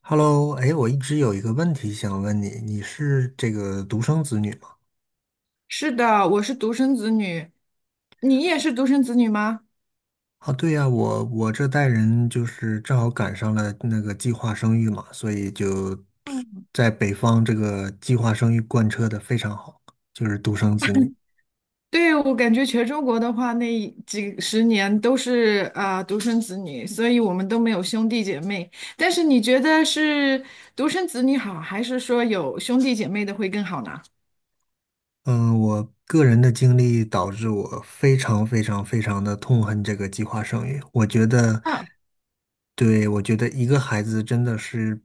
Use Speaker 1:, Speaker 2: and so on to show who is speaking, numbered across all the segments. Speaker 1: Hello，哎，我一直有一个问题想问你，你是这个独生子女吗？
Speaker 2: 是的，我是独生子女，你也是独生子女吗？
Speaker 1: 啊，对呀，我这代人就是正好赶上了那个计划生育嘛，所以就
Speaker 2: 嗯，
Speaker 1: 在北方这个计划生育贯彻的非常好，就是独生子女。
Speaker 2: 对，我感觉全中国的话，那几十年都是啊、独生子女，所以我们都没有兄弟姐妹。但是你觉得是独生子女好，还是说有兄弟姐妹的会更好呢？
Speaker 1: 嗯，我个人的经历导致我非常非常非常的痛恨这个计划生育。我觉得，
Speaker 2: 啊，
Speaker 1: 对，我觉得一个孩子真的是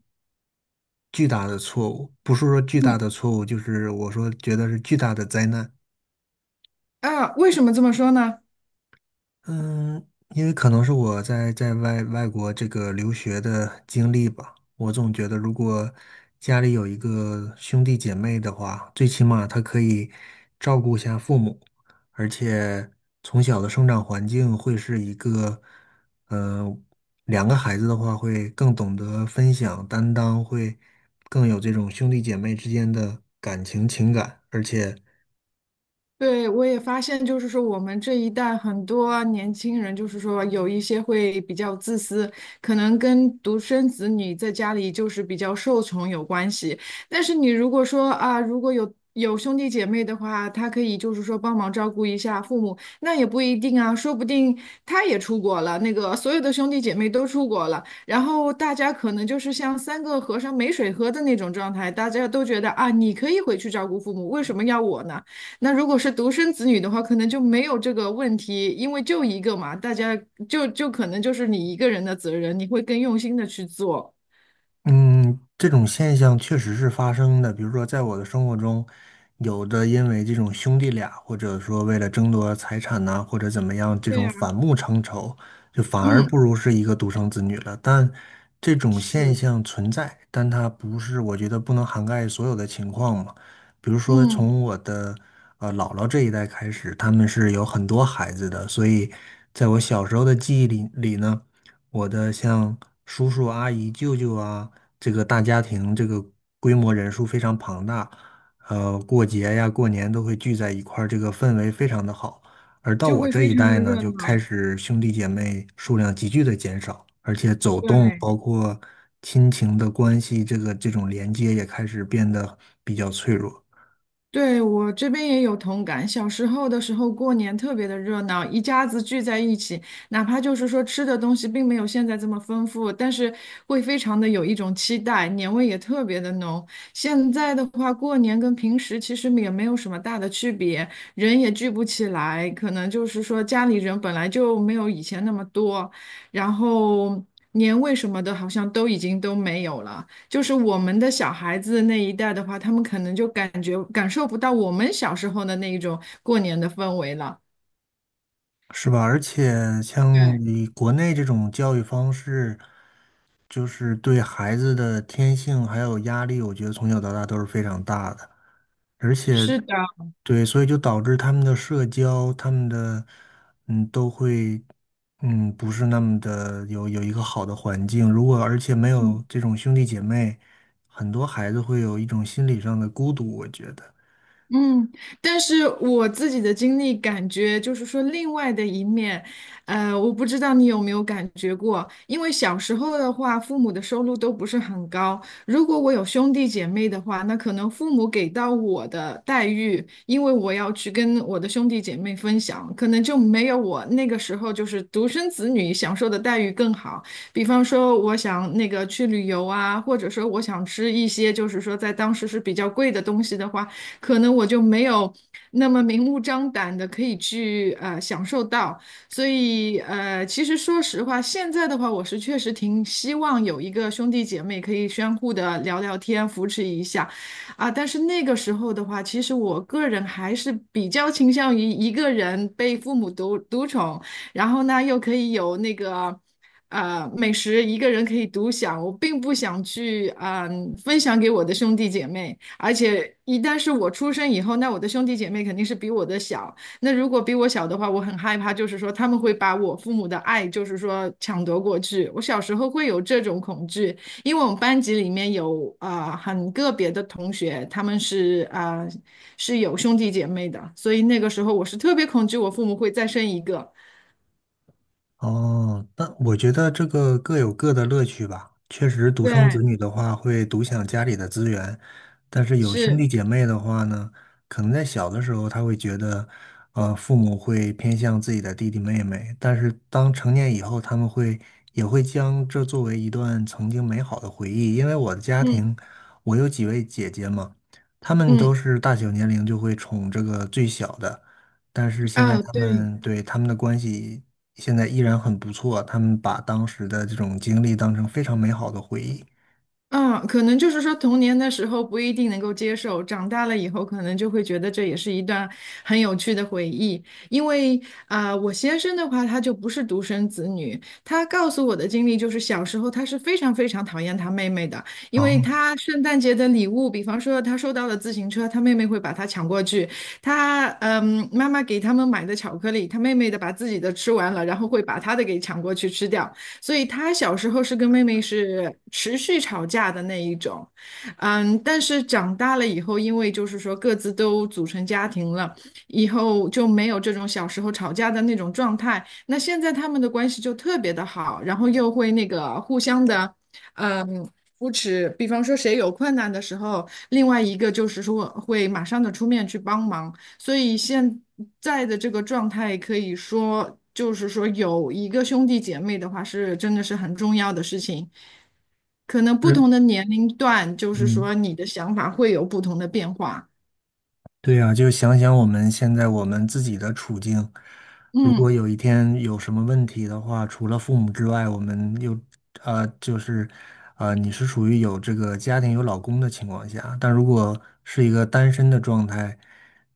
Speaker 1: 巨大的错误，不是说巨大
Speaker 2: 嗯，
Speaker 1: 的错误，就是我说觉得是巨大的灾难。
Speaker 2: 啊，为什么这么说呢？
Speaker 1: 嗯，因为可能是我在外国这个留学的经历吧，我总觉得如果家里有一个兄弟姐妹的话，最起码他可以照顾一下父母，而且从小的生长环境会是一个，嗯、两个孩子的话会更懂得分享担当，会更有这种兄弟姐妹之间的感情情感，而且
Speaker 2: 对，我也发现，就是说我们这一代很多年轻人，就是说有一些会比较自私，可能跟独生子女在家里就是比较受宠有关系。但是你如果说啊，如果有兄弟姐妹的话，他可以就是说帮忙照顾一下父母，那也不一定啊，说不定他也出国了，那个所有的兄弟姐妹都出国了，然后大家可能就是像三个和尚没水喝的那种状态，大家都觉得啊，你可以回去照顾父母，为什么要我呢？那如果是独生子女的话，可能就没有这个问题，因为就一个嘛，大家就可能就是你一个人的责任，你会更用心的去做。
Speaker 1: 嗯，这种现象确实是发生的。比如说，在我的生活中，有的因为这种兄弟俩，或者说为了争夺财产呐、或者怎么样，这
Speaker 2: 对
Speaker 1: 种
Speaker 2: 呀，
Speaker 1: 反目成仇，就反而不
Speaker 2: 嗯，
Speaker 1: 如是一个独生子女了。但这种现
Speaker 2: 是，
Speaker 1: 象存在，但它不是，我觉得不能涵盖所有的情况嘛。比如说，
Speaker 2: 嗯，
Speaker 1: 从我的姥姥这一代开始，他们是有很多孩子的，所以在我小时候的记忆里呢。我的像叔叔啊、阿姨、舅舅啊，这个大家庭，这个规模人数非常庞大，过节呀、过年都会聚在一块儿，这个氛围非常的好。而到
Speaker 2: 就
Speaker 1: 我
Speaker 2: 会
Speaker 1: 这
Speaker 2: 非
Speaker 1: 一
Speaker 2: 常的
Speaker 1: 代呢，
Speaker 2: 热
Speaker 1: 就开
Speaker 2: 闹。
Speaker 1: 始兄弟姐妹数量急剧的减少，而且走动，
Speaker 2: 对，
Speaker 1: 包括亲情的关系，这个这种连接也开始变得比较脆弱。
Speaker 2: 对，我这边也有同感。小时候的时候，过年特别的热闹，一家子聚在一起，哪怕就是说吃的东西并没有现在这么丰富，但是会非常的有一种期待，年味也特别的浓。现在的话，过年跟平时其实也没有什么大的区别，人也聚不起来，可能就是说家里人本来就没有以前那么多，然后年味什么的，好像都已经都没有了。就是我们的小孩子那一代的话，他们可能就感觉感受不到我们小时候的那一种过年的氛围了。
Speaker 1: 是吧？而且像
Speaker 2: 对，
Speaker 1: 你国内这种教育方式，就是对孩子的天性还有压力，我觉得从小到大都是非常大的。而且，
Speaker 2: 是的，
Speaker 1: 对，所以就导致他们的社交，他们的都会不是那么的有一个好的环境。如果而且没有
Speaker 2: 嗯。
Speaker 1: 这种兄弟姐妹，很多孩子会有一种心理上的孤独，我觉得。
Speaker 2: 嗯，但是我自己的经历感觉就是说，另外的一面，我不知道你有没有感觉过，因为小时候的话，父母的收入都不是很高。如果我有兄弟姐妹的话，那可能父母给到我的待遇，因为我要去跟我的兄弟姐妹分享，可能就没有我那个时候就是独生子女享受的待遇更好。比方说，我想那个去旅游啊，或者说我想吃一些就是说在当时是比较贵的东西的话。可能我就没有那么明目张胆的可以去享受到。所以其实说实话，现在的话，我是确实挺希望有一个兄弟姐妹可以相互的聊聊天，扶持一下啊。但是那个时候的话，其实我个人还是比较倾向于一个人被父母独宠，然后呢又可以有那个。美食一个人可以独享，我并不想去分享给我的兄弟姐妹。而且一旦是我出生以后，那我的兄弟姐妹肯定是比我的小。那如果比我小的话，我很害怕，就是说他们会把我父母的爱，就是说抢夺过去。我小时候会有这种恐惧，因为我们班级里面有啊、很个别的同学，他们是啊、是有兄弟姐妹的，所以那个时候我是特别恐惧我父母会再生一个。
Speaker 1: 哦，那我觉得这个各有各的乐趣吧。确实，独生子
Speaker 2: 对，
Speaker 1: 女的话会独享家里的资源，但是有兄弟
Speaker 2: 是，
Speaker 1: 姐妹的话呢，可能在小的时候他会觉得，父母会偏向自己的弟弟妹妹，但是当成年以后，他们会也会将这作为一段曾经美好的回忆。因为我的家
Speaker 2: 嗯
Speaker 1: 庭，我有几位姐姐嘛，他们
Speaker 2: 嗯
Speaker 1: 都是大小年龄就会宠这个最小的。但是现在
Speaker 2: 啊，
Speaker 1: 他
Speaker 2: 对。
Speaker 1: 们对他们的关系现在依然很不错，他们把当时的这种经历当成非常美好的回忆。
Speaker 2: 嗯，可能就是说童年的时候不一定能够接受，长大了以后可能就会觉得这也是一段很有趣的回忆。因为啊、我先生的话他就不是独生子女，他告诉我的经历就是小时候他是非常非常讨厌他妹妹的，因为
Speaker 1: 哦，
Speaker 2: 他圣诞节的礼物，比方说他收到了自行车，他妹妹会把他抢过去，他妈妈给他们买的巧克力，他妹妹的把自己的吃完了，然后会把他的给抢过去吃掉。所以他小时候是跟妹妹是持续吵架的那一种，嗯，但是长大了以后，因为就是说各自都组成家庭了，以后就没有这种小时候吵架的那种状态。那现在他们的关系就特别的好，然后又会那个互相的，嗯。扶持，比方说谁有困难的时候，另外一个就是说会马上的出面去帮忙，所以现在的这个状态，可以说就是说有一个兄弟姐妹的话，是真的是很重要的事情。可能不
Speaker 1: 是，
Speaker 2: 同的年龄段，就是
Speaker 1: 嗯，
Speaker 2: 说你的想法会有不同的变化。
Speaker 1: 对呀，就想想我们现在我们自己的处境，如
Speaker 2: 嗯。
Speaker 1: 果有一天有什么问题的话，除了父母之外，我们又就是，你是属于有这个家庭有老公的情况下，但如果是一个单身的状态，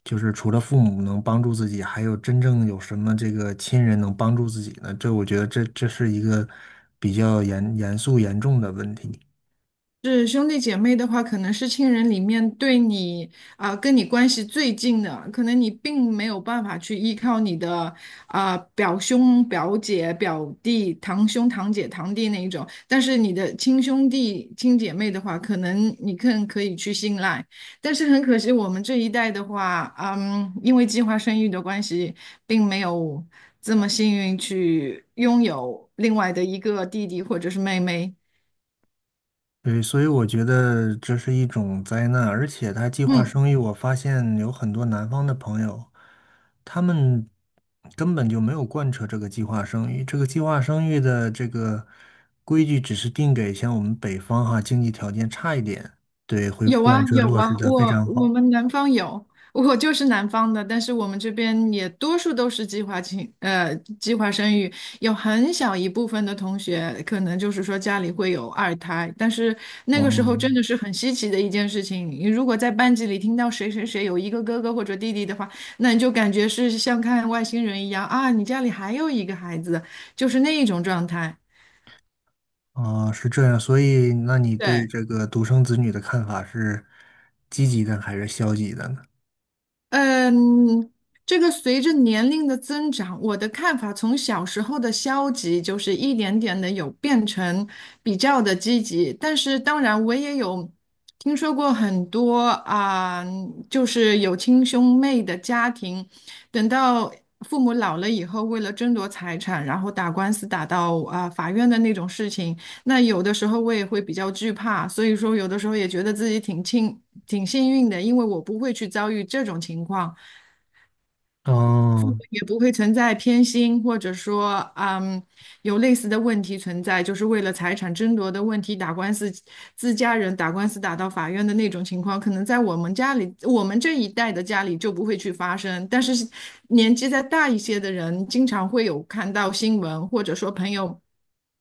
Speaker 1: 就是除了父母能帮助自己，还有真正有什么这个亲人能帮助自己呢？这我觉得这是一个比较严重的问题。
Speaker 2: 是兄弟姐妹的话，可能是亲人里面对你啊、跟你关系最近的，可能你并没有办法去依靠你的啊、表兄、表姐、表弟、堂兄、堂姐、堂弟那一种，但是你的亲兄弟、亲姐妹的话，可能你更可以去信赖。但是很可惜，我们这一代的话，嗯，因为计划生育的关系，并没有这么幸运去拥有另外的一个弟弟或者是妹妹。
Speaker 1: 对，所以我觉得这是一种灾难，而且他计划
Speaker 2: 嗯。
Speaker 1: 生育，我发现有很多南方的朋友，他们根本就没有贯彻这个计划生育。这个计划生育的这个规矩只是定给像我们北方哈，经济条件差一点，对，会
Speaker 2: 有啊
Speaker 1: 贯彻
Speaker 2: 有
Speaker 1: 落实
Speaker 2: 啊，
Speaker 1: 的非
Speaker 2: 我
Speaker 1: 常
Speaker 2: 我
Speaker 1: 好。
Speaker 2: 们南方有，我就是南方的，但是我们这边也多数都是呃计划生育，有很小一部分的同学可能就是说家里会有二胎，但是那个时候真
Speaker 1: 嗯，
Speaker 2: 的是很稀奇的一件事情。你如果在班级里听到谁谁谁有一个哥哥或者弟弟的话，那你就感觉是像看外星人一样啊，你家里还有一个孩子，就是那一种状态。
Speaker 1: 啊，是这样，所以那你对
Speaker 2: 对，
Speaker 1: 这个独生子女的看法是积极的还是消极的呢？
Speaker 2: 嗯，这个随着年龄的增长，我的看法从小时候的消极，就是一点点的有变成比较的积极。但是当然，我也有听说过很多啊、就是有亲兄妹的家庭，等到父母老了以后，为了争夺财产，然后打官司打到啊、法院的那种事情。那有的时候我也会比较惧怕，所以说有的时候也觉得自己挺庆。挺幸运的，因为我不会去遭遇这种情况，
Speaker 1: 哦，
Speaker 2: 也不会存在偏心，或者说，嗯，有类似的问题存在，就是为了财产争夺的问题打官司，自家人打官司打到法院的那种情况，可能在我们家里，我们这一代的家里就不会去发生。但是年纪再大一些的人，经常会有看到新闻，或者说朋友。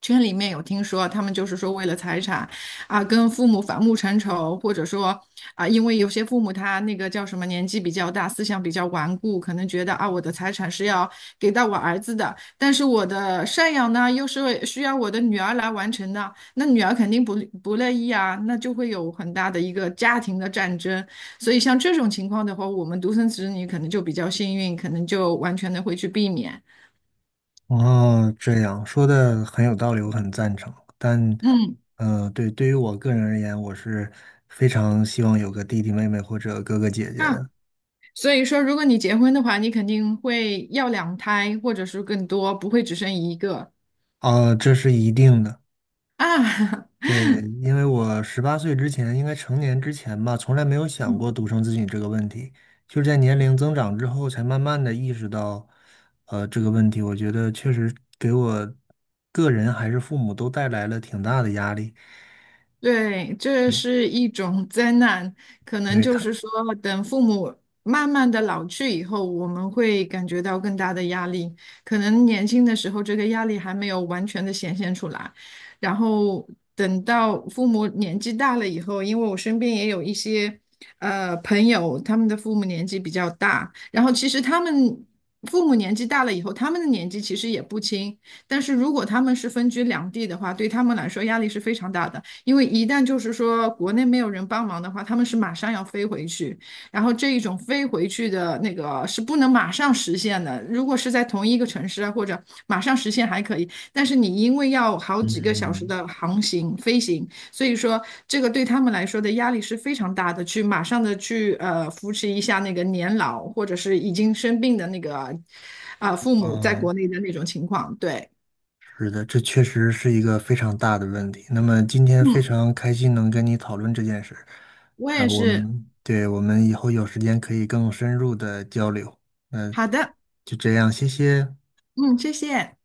Speaker 2: 圈里面有听说，他们就是说为了财产啊，跟父母反目成仇，或者说啊，因为有些父母他那个叫什么年纪比较大，思想比较顽固，可能觉得啊，我的财产是要给到我儿子的，但是我的赡养呢，又是为需要我的女儿来完成的，那女儿肯定不乐意啊，那就会有很大的一个家庭的战争。所以像这种情况的话，我们独生子女可能就比较幸运，可能就完全的会去避免。
Speaker 1: 哦，这样说的很有道理，我很赞成。但，
Speaker 2: 嗯，
Speaker 1: 对，对于我个人而言，我是非常希望有个弟弟妹妹或者哥哥姐姐
Speaker 2: 那
Speaker 1: 的。
Speaker 2: 所以说，如果你结婚的话，你肯定会要两胎，或者是更多，不会只生一个
Speaker 1: 啊，这是一定的。
Speaker 2: 啊。
Speaker 1: 对，因为我十八岁之前，应该成年之前吧，从来没有想
Speaker 2: 嗯
Speaker 1: 过独生子女这个问题，就是在年龄增长之后，才慢慢的意识到，这个问题。我觉得确实给我个人还是父母都带来了挺大的压力。
Speaker 2: 对，这
Speaker 1: 嗯，
Speaker 2: 是一种灾难，可能
Speaker 1: 对
Speaker 2: 就
Speaker 1: 他，
Speaker 2: 是说，等父母慢慢的老去以后，我们会感觉到更大的压力。可能年轻的时候，这个压力还没有完全的显现出来，然后等到父母年纪大了以后，因为我身边也有一些朋友，他们的父母年纪比较大，然后其实他们父母年纪大了以后，他们的年纪其实也不轻，但是如果他们是分居两地的话，对他们来说压力是非常大的。因为一旦就是说国内没有人帮忙的话，他们是马上要飞回去，然后这一种飞回去的那个是不能马上实现的。如果是在同一个城市啊，或者马上实现还可以，但是你因为要好几个小时
Speaker 1: 嗯。
Speaker 2: 的航行飞行，所以说这个对他们来说的压力是非常大的。去马上的去扶持一下那个年老或者是已经生病的那个啊、父母在
Speaker 1: 嗯，
Speaker 2: 国内的那种情况，对，
Speaker 1: 是的，这确实是一个非常大的问题。那么今天非
Speaker 2: 嗯，
Speaker 1: 常开心能跟你讨论这件事，
Speaker 2: 我
Speaker 1: 然
Speaker 2: 也
Speaker 1: 后我
Speaker 2: 是，
Speaker 1: 们，对，我们以后有时间可以更深入的交流。那
Speaker 2: 好的，
Speaker 1: 就这样，谢谢。
Speaker 2: 嗯，谢谢。